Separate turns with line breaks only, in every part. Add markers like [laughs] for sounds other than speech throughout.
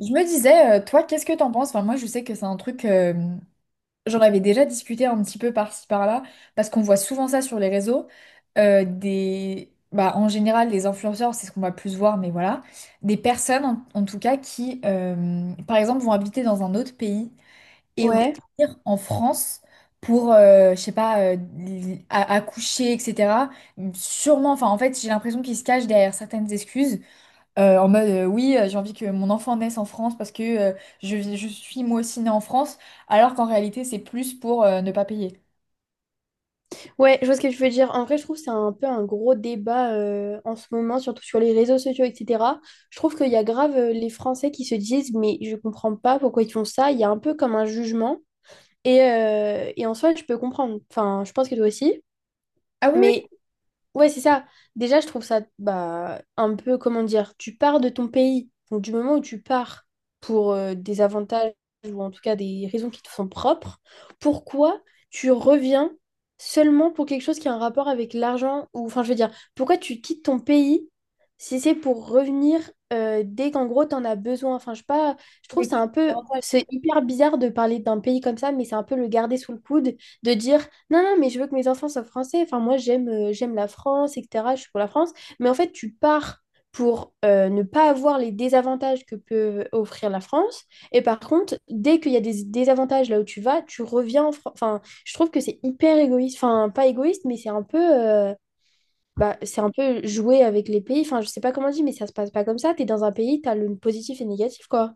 Je me disais, toi, qu'est-ce que t'en penses? Enfin, moi, je sais que c'est un truc, j'en avais déjà discuté un petit peu par-ci, par-là, parce qu'on voit souvent ça sur les réseaux. Bah, en général, les influenceurs, c'est ce qu'on va plus voir, mais voilà. Des personnes, en tout cas, qui, par exemple, vont habiter dans un autre pays et
Ouais,
revenir en France pour, je sais pas, accoucher, etc. Sûrement, enfin, en fait, j'ai l'impression qu'ils se cachent derrière certaines excuses en mode oui, j'ai envie que mon enfant naisse en France parce que je suis moi aussi née en France, alors qu'en réalité c'est plus pour ne pas payer.
ouais, je vois ce que tu veux dire. En vrai, je trouve que c'est un peu un gros débat en ce moment, surtout sur les réseaux sociaux, etc. Je trouve qu'il y a grave les Français qui se disent, mais je comprends pas pourquoi ils font ça. Il y a un peu comme un jugement. Et en soi, je peux comprendre. Enfin, je pense que toi aussi.
Ah oui,
Mais ouais, c'est ça. Déjà, je trouve ça bah, un peu, comment dire, tu pars de ton pays. Donc, du moment où tu pars pour des avantages ou en tout cas des raisons qui te sont propres, pourquoi tu reviens seulement pour quelque chose qui a un rapport avec l'argent ou, enfin, je veux dire, pourquoi tu quittes ton pays si c'est pour revenir dès qu'en gros, t'en as besoin. Enfin, je sais pas, je trouve
oui.
c'est un peu,
Avantage.
c'est hyper bizarre de parler d'un pays comme ça, mais c'est un peu le garder sous le coude, de dire, non, non, mais je veux que mes enfants soient français. Enfin, moi, j'aime la France, etc. Je suis pour la France. Mais en fait, tu pars pour ne pas avoir les désavantages que peut offrir la France. Et par contre, dès qu'il y a des désavantages là où tu vas, tu reviens en France. Enfin, je trouve que c'est hyper égoïste. Enfin, pas égoïste, mais c'est un peu, bah, c'est un peu jouer avec les pays. Enfin, je sais pas comment on dit, mais ça se passe pas comme ça. T'es dans un pays, t'as le positif et le négatif, quoi.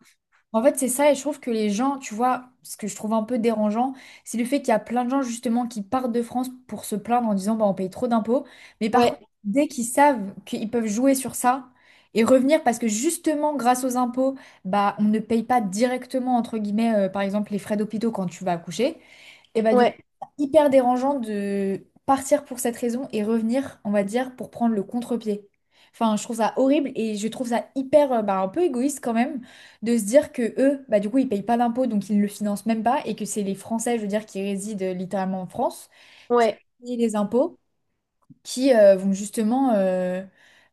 En fait, c'est ça, et je trouve que les gens, tu vois, ce que je trouve un peu dérangeant, c'est le fait qu'il y a plein de gens justement qui partent de France pour se plaindre en disant bah on paye trop d'impôts, mais par
Ouais,
contre, dès qu'ils savent qu'ils peuvent jouer sur ça et revenir parce que justement grâce aux impôts, bah on ne paye pas directement entre guillemets par exemple les frais d'hôpitaux quand tu vas accoucher. Et bah du coup,
ouais,
c'est hyper dérangeant de partir pour cette raison et revenir, on va dire, pour prendre le contre-pied. Enfin, je trouve ça horrible et je trouve ça hyper, bah, un peu égoïste quand même de se dire que eux, bah du coup, ils payent pas d'impôts, donc ils ne le financent même pas et que c'est les Français, je veux dire, qui résident littéralement en France,
ouais.
et les impôts, qui vont justement,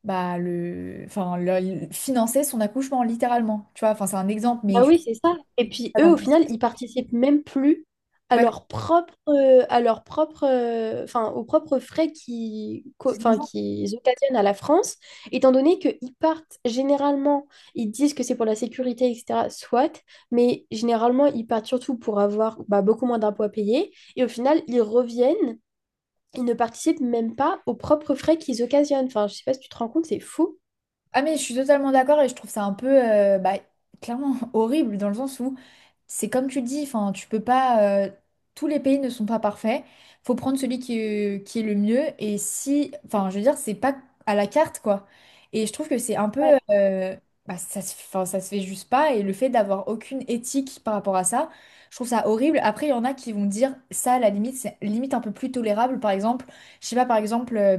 bah le, enfin, financer son accouchement littéralement. Tu vois, enfin, c'est un exemple, mais
Bah
je sais
oui, c'est ça. Et puis
pas
eux,
t'en
au
penses.
final, ils participent même plus
Ouais,
à leur propre, enfin, aux propres frais
c'est.
enfin, qu'ils occasionnent à la France, étant donné qu'ils partent généralement, ils disent que c'est pour la sécurité, etc. Soit, mais généralement, ils partent surtout pour avoir bah, beaucoup moins d'impôts à payer. Et au final, ils reviennent, ils ne participent même pas aux propres frais qu'ils occasionnent. Enfin, je sais pas si tu te rends compte, c'est fou.
Ah mais je suis totalement d'accord et je trouve ça un peu bah, clairement [laughs] horrible dans le sens où c'est comme tu le dis, enfin tu peux pas tous les pays ne sont pas parfaits. Faut prendre celui qui est le mieux et si enfin je veux dire c'est pas à la carte quoi. Et je trouve que c'est un peu euh, bah, ça se, enfin, ça se fait juste pas et le fait d'avoir aucune éthique par rapport à ça, je trouve ça horrible. Après il y en a qui vont dire ça à la limite c'est limite un peu plus tolérable par exemple, je sais pas par exemple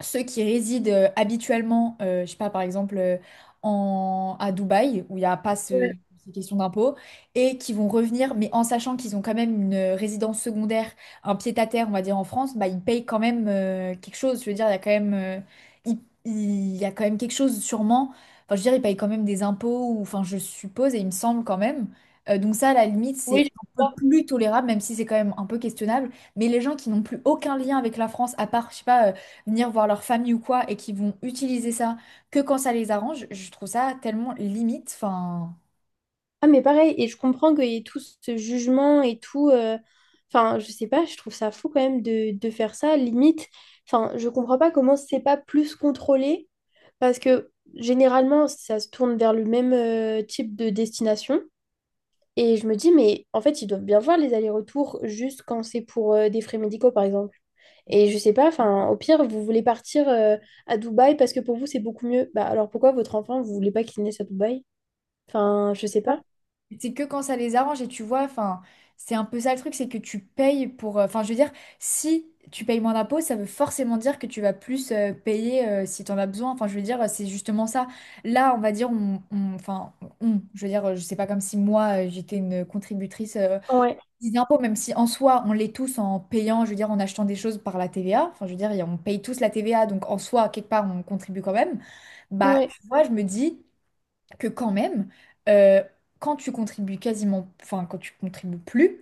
ceux qui résident habituellement, je sais pas, par exemple, à Dubaï, où il n'y a pas ce,
Ouais.
ces questions d'impôts, et qui vont revenir, mais en sachant qu'ils ont quand même une résidence secondaire, un pied-à-terre, on va dire, en France, bah, ils payent quand même quelque chose. Je veux dire, il y a quand même, il, il y a quand même quelque chose sûrement. Enfin, je veux dire, ils payent quand même des impôts, ou, enfin, je suppose, et il me semble quand même. Donc ça, à la limite, c'est
Oui, je
un peu
vois.
plus tolérable, même si c'est quand même un peu questionnable. Mais les gens qui n'ont plus aucun lien avec la France, à part, je sais pas, venir voir leur famille ou quoi, et qui vont utiliser ça que quand ça les arrange, je trouve ça tellement limite. Enfin,
Ah, mais pareil, et je comprends qu'il y ait tout ce jugement et tout. Enfin, je sais pas, je trouve ça fou quand même de faire ça, limite. Enfin, je comprends pas comment c'est pas plus contrôlé, parce que généralement, ça se tourne vers le même type de destination. Et je me dis, mais en fait, ils doivent bien voir les allers-retours juste quand c'est pour des frais médicaux, par exemple. Et je sais pas, enfin, au pire, vous voulez partir à Dubaï parce que pour vous, c'est beaucoup mieux. Bah alors pourquoi votre enfant, vous voulez pas qu'il naisse à Dubaï? Enfin, je sais pas.
c'est que quand ça les arrange, et tu vois, enfin, c'est un peu ça le truc, c'est que tu payes pour, enfin, je veux dire, si tu payes moins d'impôts, ça veut forcément dire que tu vas plus payer si tu en as besoin. Enfin, je veux dire, c'est justement ça. Là, on va dire, enfin, on, je veux dire, je sais pas comme si moi, j'étais une contributrice,
Ouais,
des impôts, même si en soi, on les tous en payant, je veux dire, en achetant des choses par la TVA. Enfin, je veux dire, on paye tous la TVA, donc en soi, quelque part, on contribue quand même. Bah,
ouais,
tu vois, je me dis que quand même, euh, quand tu contribues quasiment, enfin quand tu contribues plus,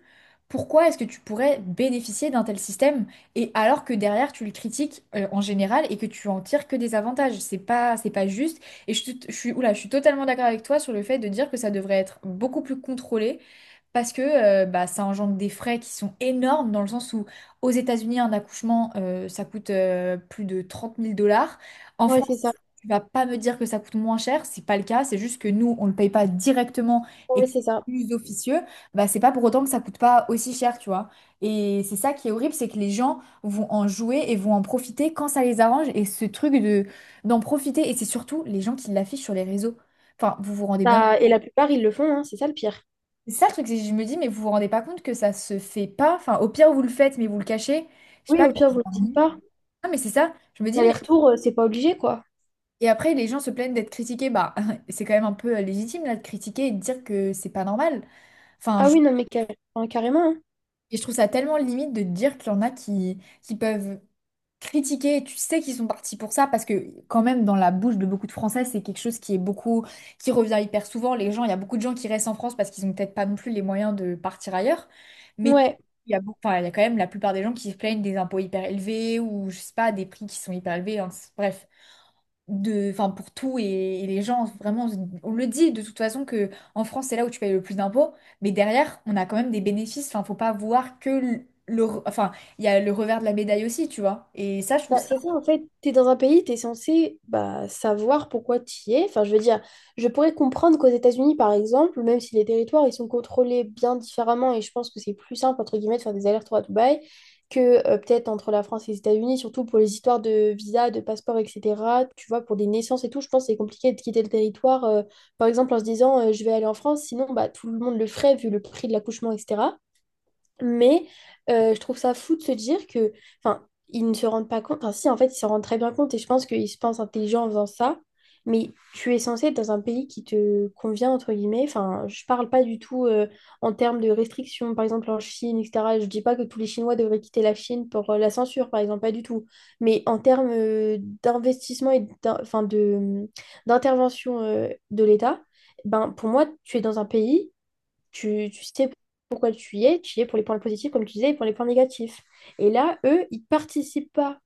pourquoi est-ce que tu pourrais bénéficier d'un tel système et alors que derrière tu le critiques en général et que tu en tires que des avantages? C'est pas juste. Et je suis, oula, je suis totalement d'accord avec toi sur le fait de dire que ça devrait être beaucoup plus contrôlé. Parce que bah, ça engendre des frais qui sont énormes, dans le sens où aux États-Unis, un accouchement, ça coûte plus de trente mille dollars. En
ouais, c'est
France,
ça.
tu vas pas me dire que ça coûte moins cher, c'est pas le cas, c'est juste que nous, on le paye pas directement et
Ouais,
que c'est
c'est ça.
plus officieux, bah c'est pas pour autant que ça coûte pas aussi cher, tu vois. Et c'est ça qui est horrible, c'est que les gens vont en jouer et vont en profiter quand ça les arrange et ce truc de d'en profiter et c'est surtout les gens qui l'affichent sur les réseaux. Enfin, vous vous rendez bien.
Bah, et la plupart, ils le font, hein, c'est ça le pire.
C'est ça le truc, c'est que je me dis mais vous vous rendez pas compte que ça se fait pas. Enfin, au pire vous le faites mais vous le cachez. Je sais
Oui,
pas.
au pire, vous le
A-
dites pas.
Ah, mais c'est ça. Je me dis mais.
L'aller-retour, c'est pas obligé, quoi.
Et après, les gens se plaignent d'être critiqués. Bah, [laughs] c'est quand même un peu légitime là de critiquer et de dire que c'est pas normal. Enfin,
Ah
je,
oui, non, mais enfin, carrément, hein.
et je trouve ça tellement limite de te dire qu'il y en a qui peuvent critiquer. Tu sais qu'ils sont partis pour ça parce que quand même dans la bouche de beaucoup de Français, c'est quelque chose qui est beaucoup, qui revient hyper souvent. Les gens, il y a beaucoup de gens qui restent en France parce qu'ils n'ont peut-être pas non plus les moyens de partir ailleurs. Mais
Ouais.
il y a, beaucoup- enfin, il y a quand même la plupart des gens qui se plaignent des impôts hyper élevés ou je sais pas des prix qui sont hyper élevés. Hein. Bref de, enfin pour tout et les gens vraiment on le dit de toute façon que en France c'est là où tu payes le plus d'impôts mais derrière on a quand même des bénéfices enfin faut pas voir que le, enfin il y a le revers de la médaille aussi tu vois et ça je trouve
Bah,
ça.
c'est ça, en fait, tu es dans un pays, tu es censé bah, savoir pourquoi tu y es. Enfin, je veux dire, je pourrais comprendre qu'aux États-Unis, par exemple, même si les territoires, ils sont contrôlés bien différemment, et je pense que c'est plus simple, entre guillemets, de faire des allers-retours à Dubaï, que peut-être entre la France et les États-Unis, surtout pour les histoires de visa, de passeport, etc. Tu vois, pour des naissances et tout, je pense que c'est compliqué de quitter le territoire, par exemple, en se disant, je vais aller en France, sinon, bah, tout le monde le ferait, vu le prix de l'accouchement, etc. Mais je trouve ça fou de se dire que, enfin, ils ne se rendent pas compte. Enfin, si, en fait, ils se rendent très bien compte et je pense qu'ils se pensent intelligents en faisant ça. Mais tu es censé être dans un pays qui te convient, entre guillemets. Enfin, je parle pas du tout en termes de restrictions, par exemple en Chine, etc. Je dis pas que tous les Chinois devraient quitter la Chine pour la censure, par exemple, pas du tout. Mais en termes enfin, d'intervention de l'État, ben, pour moi, tu es dans un pays tu sais pourquoi tu y es pour les points positifs, comme tu disais, et pour les points négatifs. Et là, eux, ils participent pas,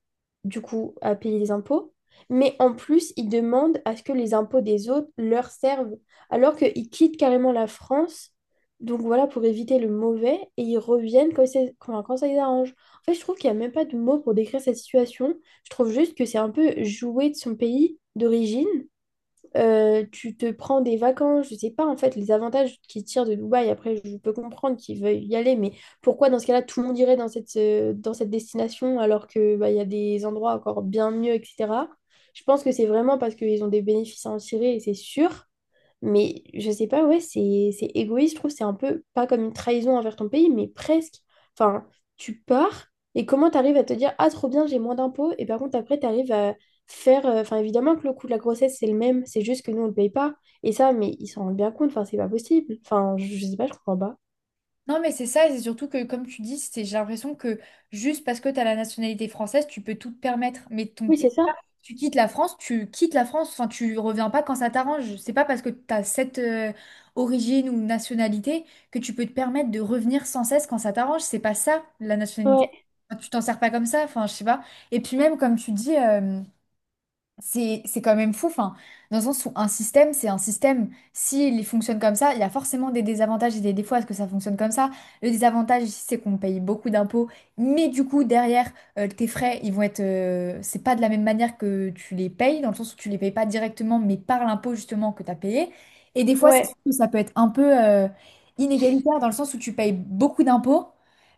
du coup, à payer les impôts, mais en plus, ils demandent à ce que les impôts des autres leur servent, alors qu'ils quittent carrément la France, donc voilà, pour éviter le mauvais, et ils reviennent quand, quand, quand ça les arrange. En fait, je trouve qu'il n'y a même pas de mots pour décrire cette situation. Je trouve juste que c'est un peu jouer de son pays d'origine tu te prends des vacances, je sais pas en fait les avantages qu'ils tirent de Dubaï. Après, je peux comprendre qu'ils veulent y aller, mais pourquoi dans ce cas-là tout le monde irait dans cette destination alors que bah, il y a des endroits encore bien mieux, etc. Je pense que c'est vraiment parce qu'ils ont des bénéfices à en tirer et c'est sûr. Mais je sais pas, ouais, c'est égoïste, je trouve, c'est un peu pas comme une trahison envers ton pays, mais presque. Enfin, tu pars et comment t'arrives à te dire, ah, trop bien, j'ai moins d'impôts, et par contre, après, t'arrives à faire. Enfin, évidemment que le coût de la grossesse, c'est le même, c'est juste que nous, on le paye pas. Et ça, mais ils s'en rendent bien compte, enfin, c'est pas possible. Enfin, je sais pas, je comprends pas.
Non mais c'est ça et c'est surtout que comme tu dis c'est j'ai l'impression que juste parce que tu as la nationalité française tu peux tout te permettre mais ton.
Oui, c'est ça.
Tu quittes la France, tu quittes la France, enfin tu reviens pas quand ça t'arrange. C'est pas parce que tu as cette origine ou nationalité que tu peux te permettre de revenir sans cesse quand ça t'arrange. C'est pas ça la nationalité.
Ouais,
Enfin, tu t'en sers pas comme ça, enfin je sais pas. Et puis même comme tu dis, c'est quand même fou, enfin, dans le sens où un système, c'est un système. S'il fonctionne comme ça, il y a forcément des désavantages et des défauts à ce que ça fonctionne comme ça. Le désavantage ici, c'est qu'on paye beaucoup d'impôts, mais du coup, derrière, tes frais, ils vont être. C'est pas de la même manière que tu les payes, dans le sens où tu les payes pas directement, mais par l'impôt justement que tu as payé. Et des fois, c'est
ouais,
sûr que ça peut être un peu inégalitaire, dans le sens où tu payes beaucoup d'impôts.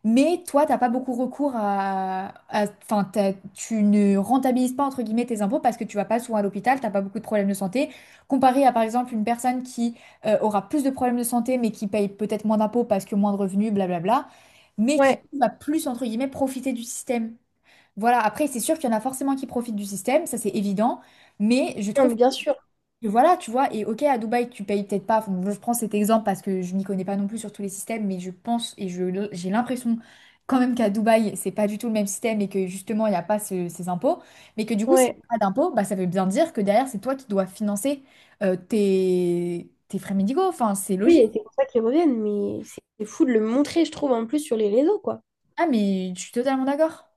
Mais toi, t'as pas beaucoup recours enfin, tu ne rentabilises pas entre guillemets tes impôts parce que tu vas pas souvent à l'hôpital, t'as pas beaucoup de problèmes de santé, comparé à par exemple une personne qui aura plus de problèmes de santé mais qui paye peut-être moins d'impôts parce que moins de revenus, blablabla, mais qui
ouais.
va plus entre guillemets profiter du système. Voilà. Après, c'est sûr qu'il y en a forcément qui profitent du système, ça c'est évident, mais je
Non,
trouve.
mais bien sûr.
Et voilà, tu vois, et ok, à Dubaï, tu payes peut-être pas, enfin, je prends cet exemple parce que je m'y connais pas non plus sur tous les systèmes, mais je pense et je, j'ai l'impression quand même qu'à Dubaï, c'est pas du tout le même système et que justement, il n'y a pas ces impôts, mais que du coup, si
Ouais.
t'as pas d'impôts, bah, ça veut bien dire que derrière, c'est toi qui dois financer tes frais médicaux, enfin, c'est
Oui,
logique.
et c'est pour ça qu'ils reviennent, mais c'est fou de le montrer, je trouve, en plus sur les réseaux, quoi.
Ah, mais je suis totalement d'accord.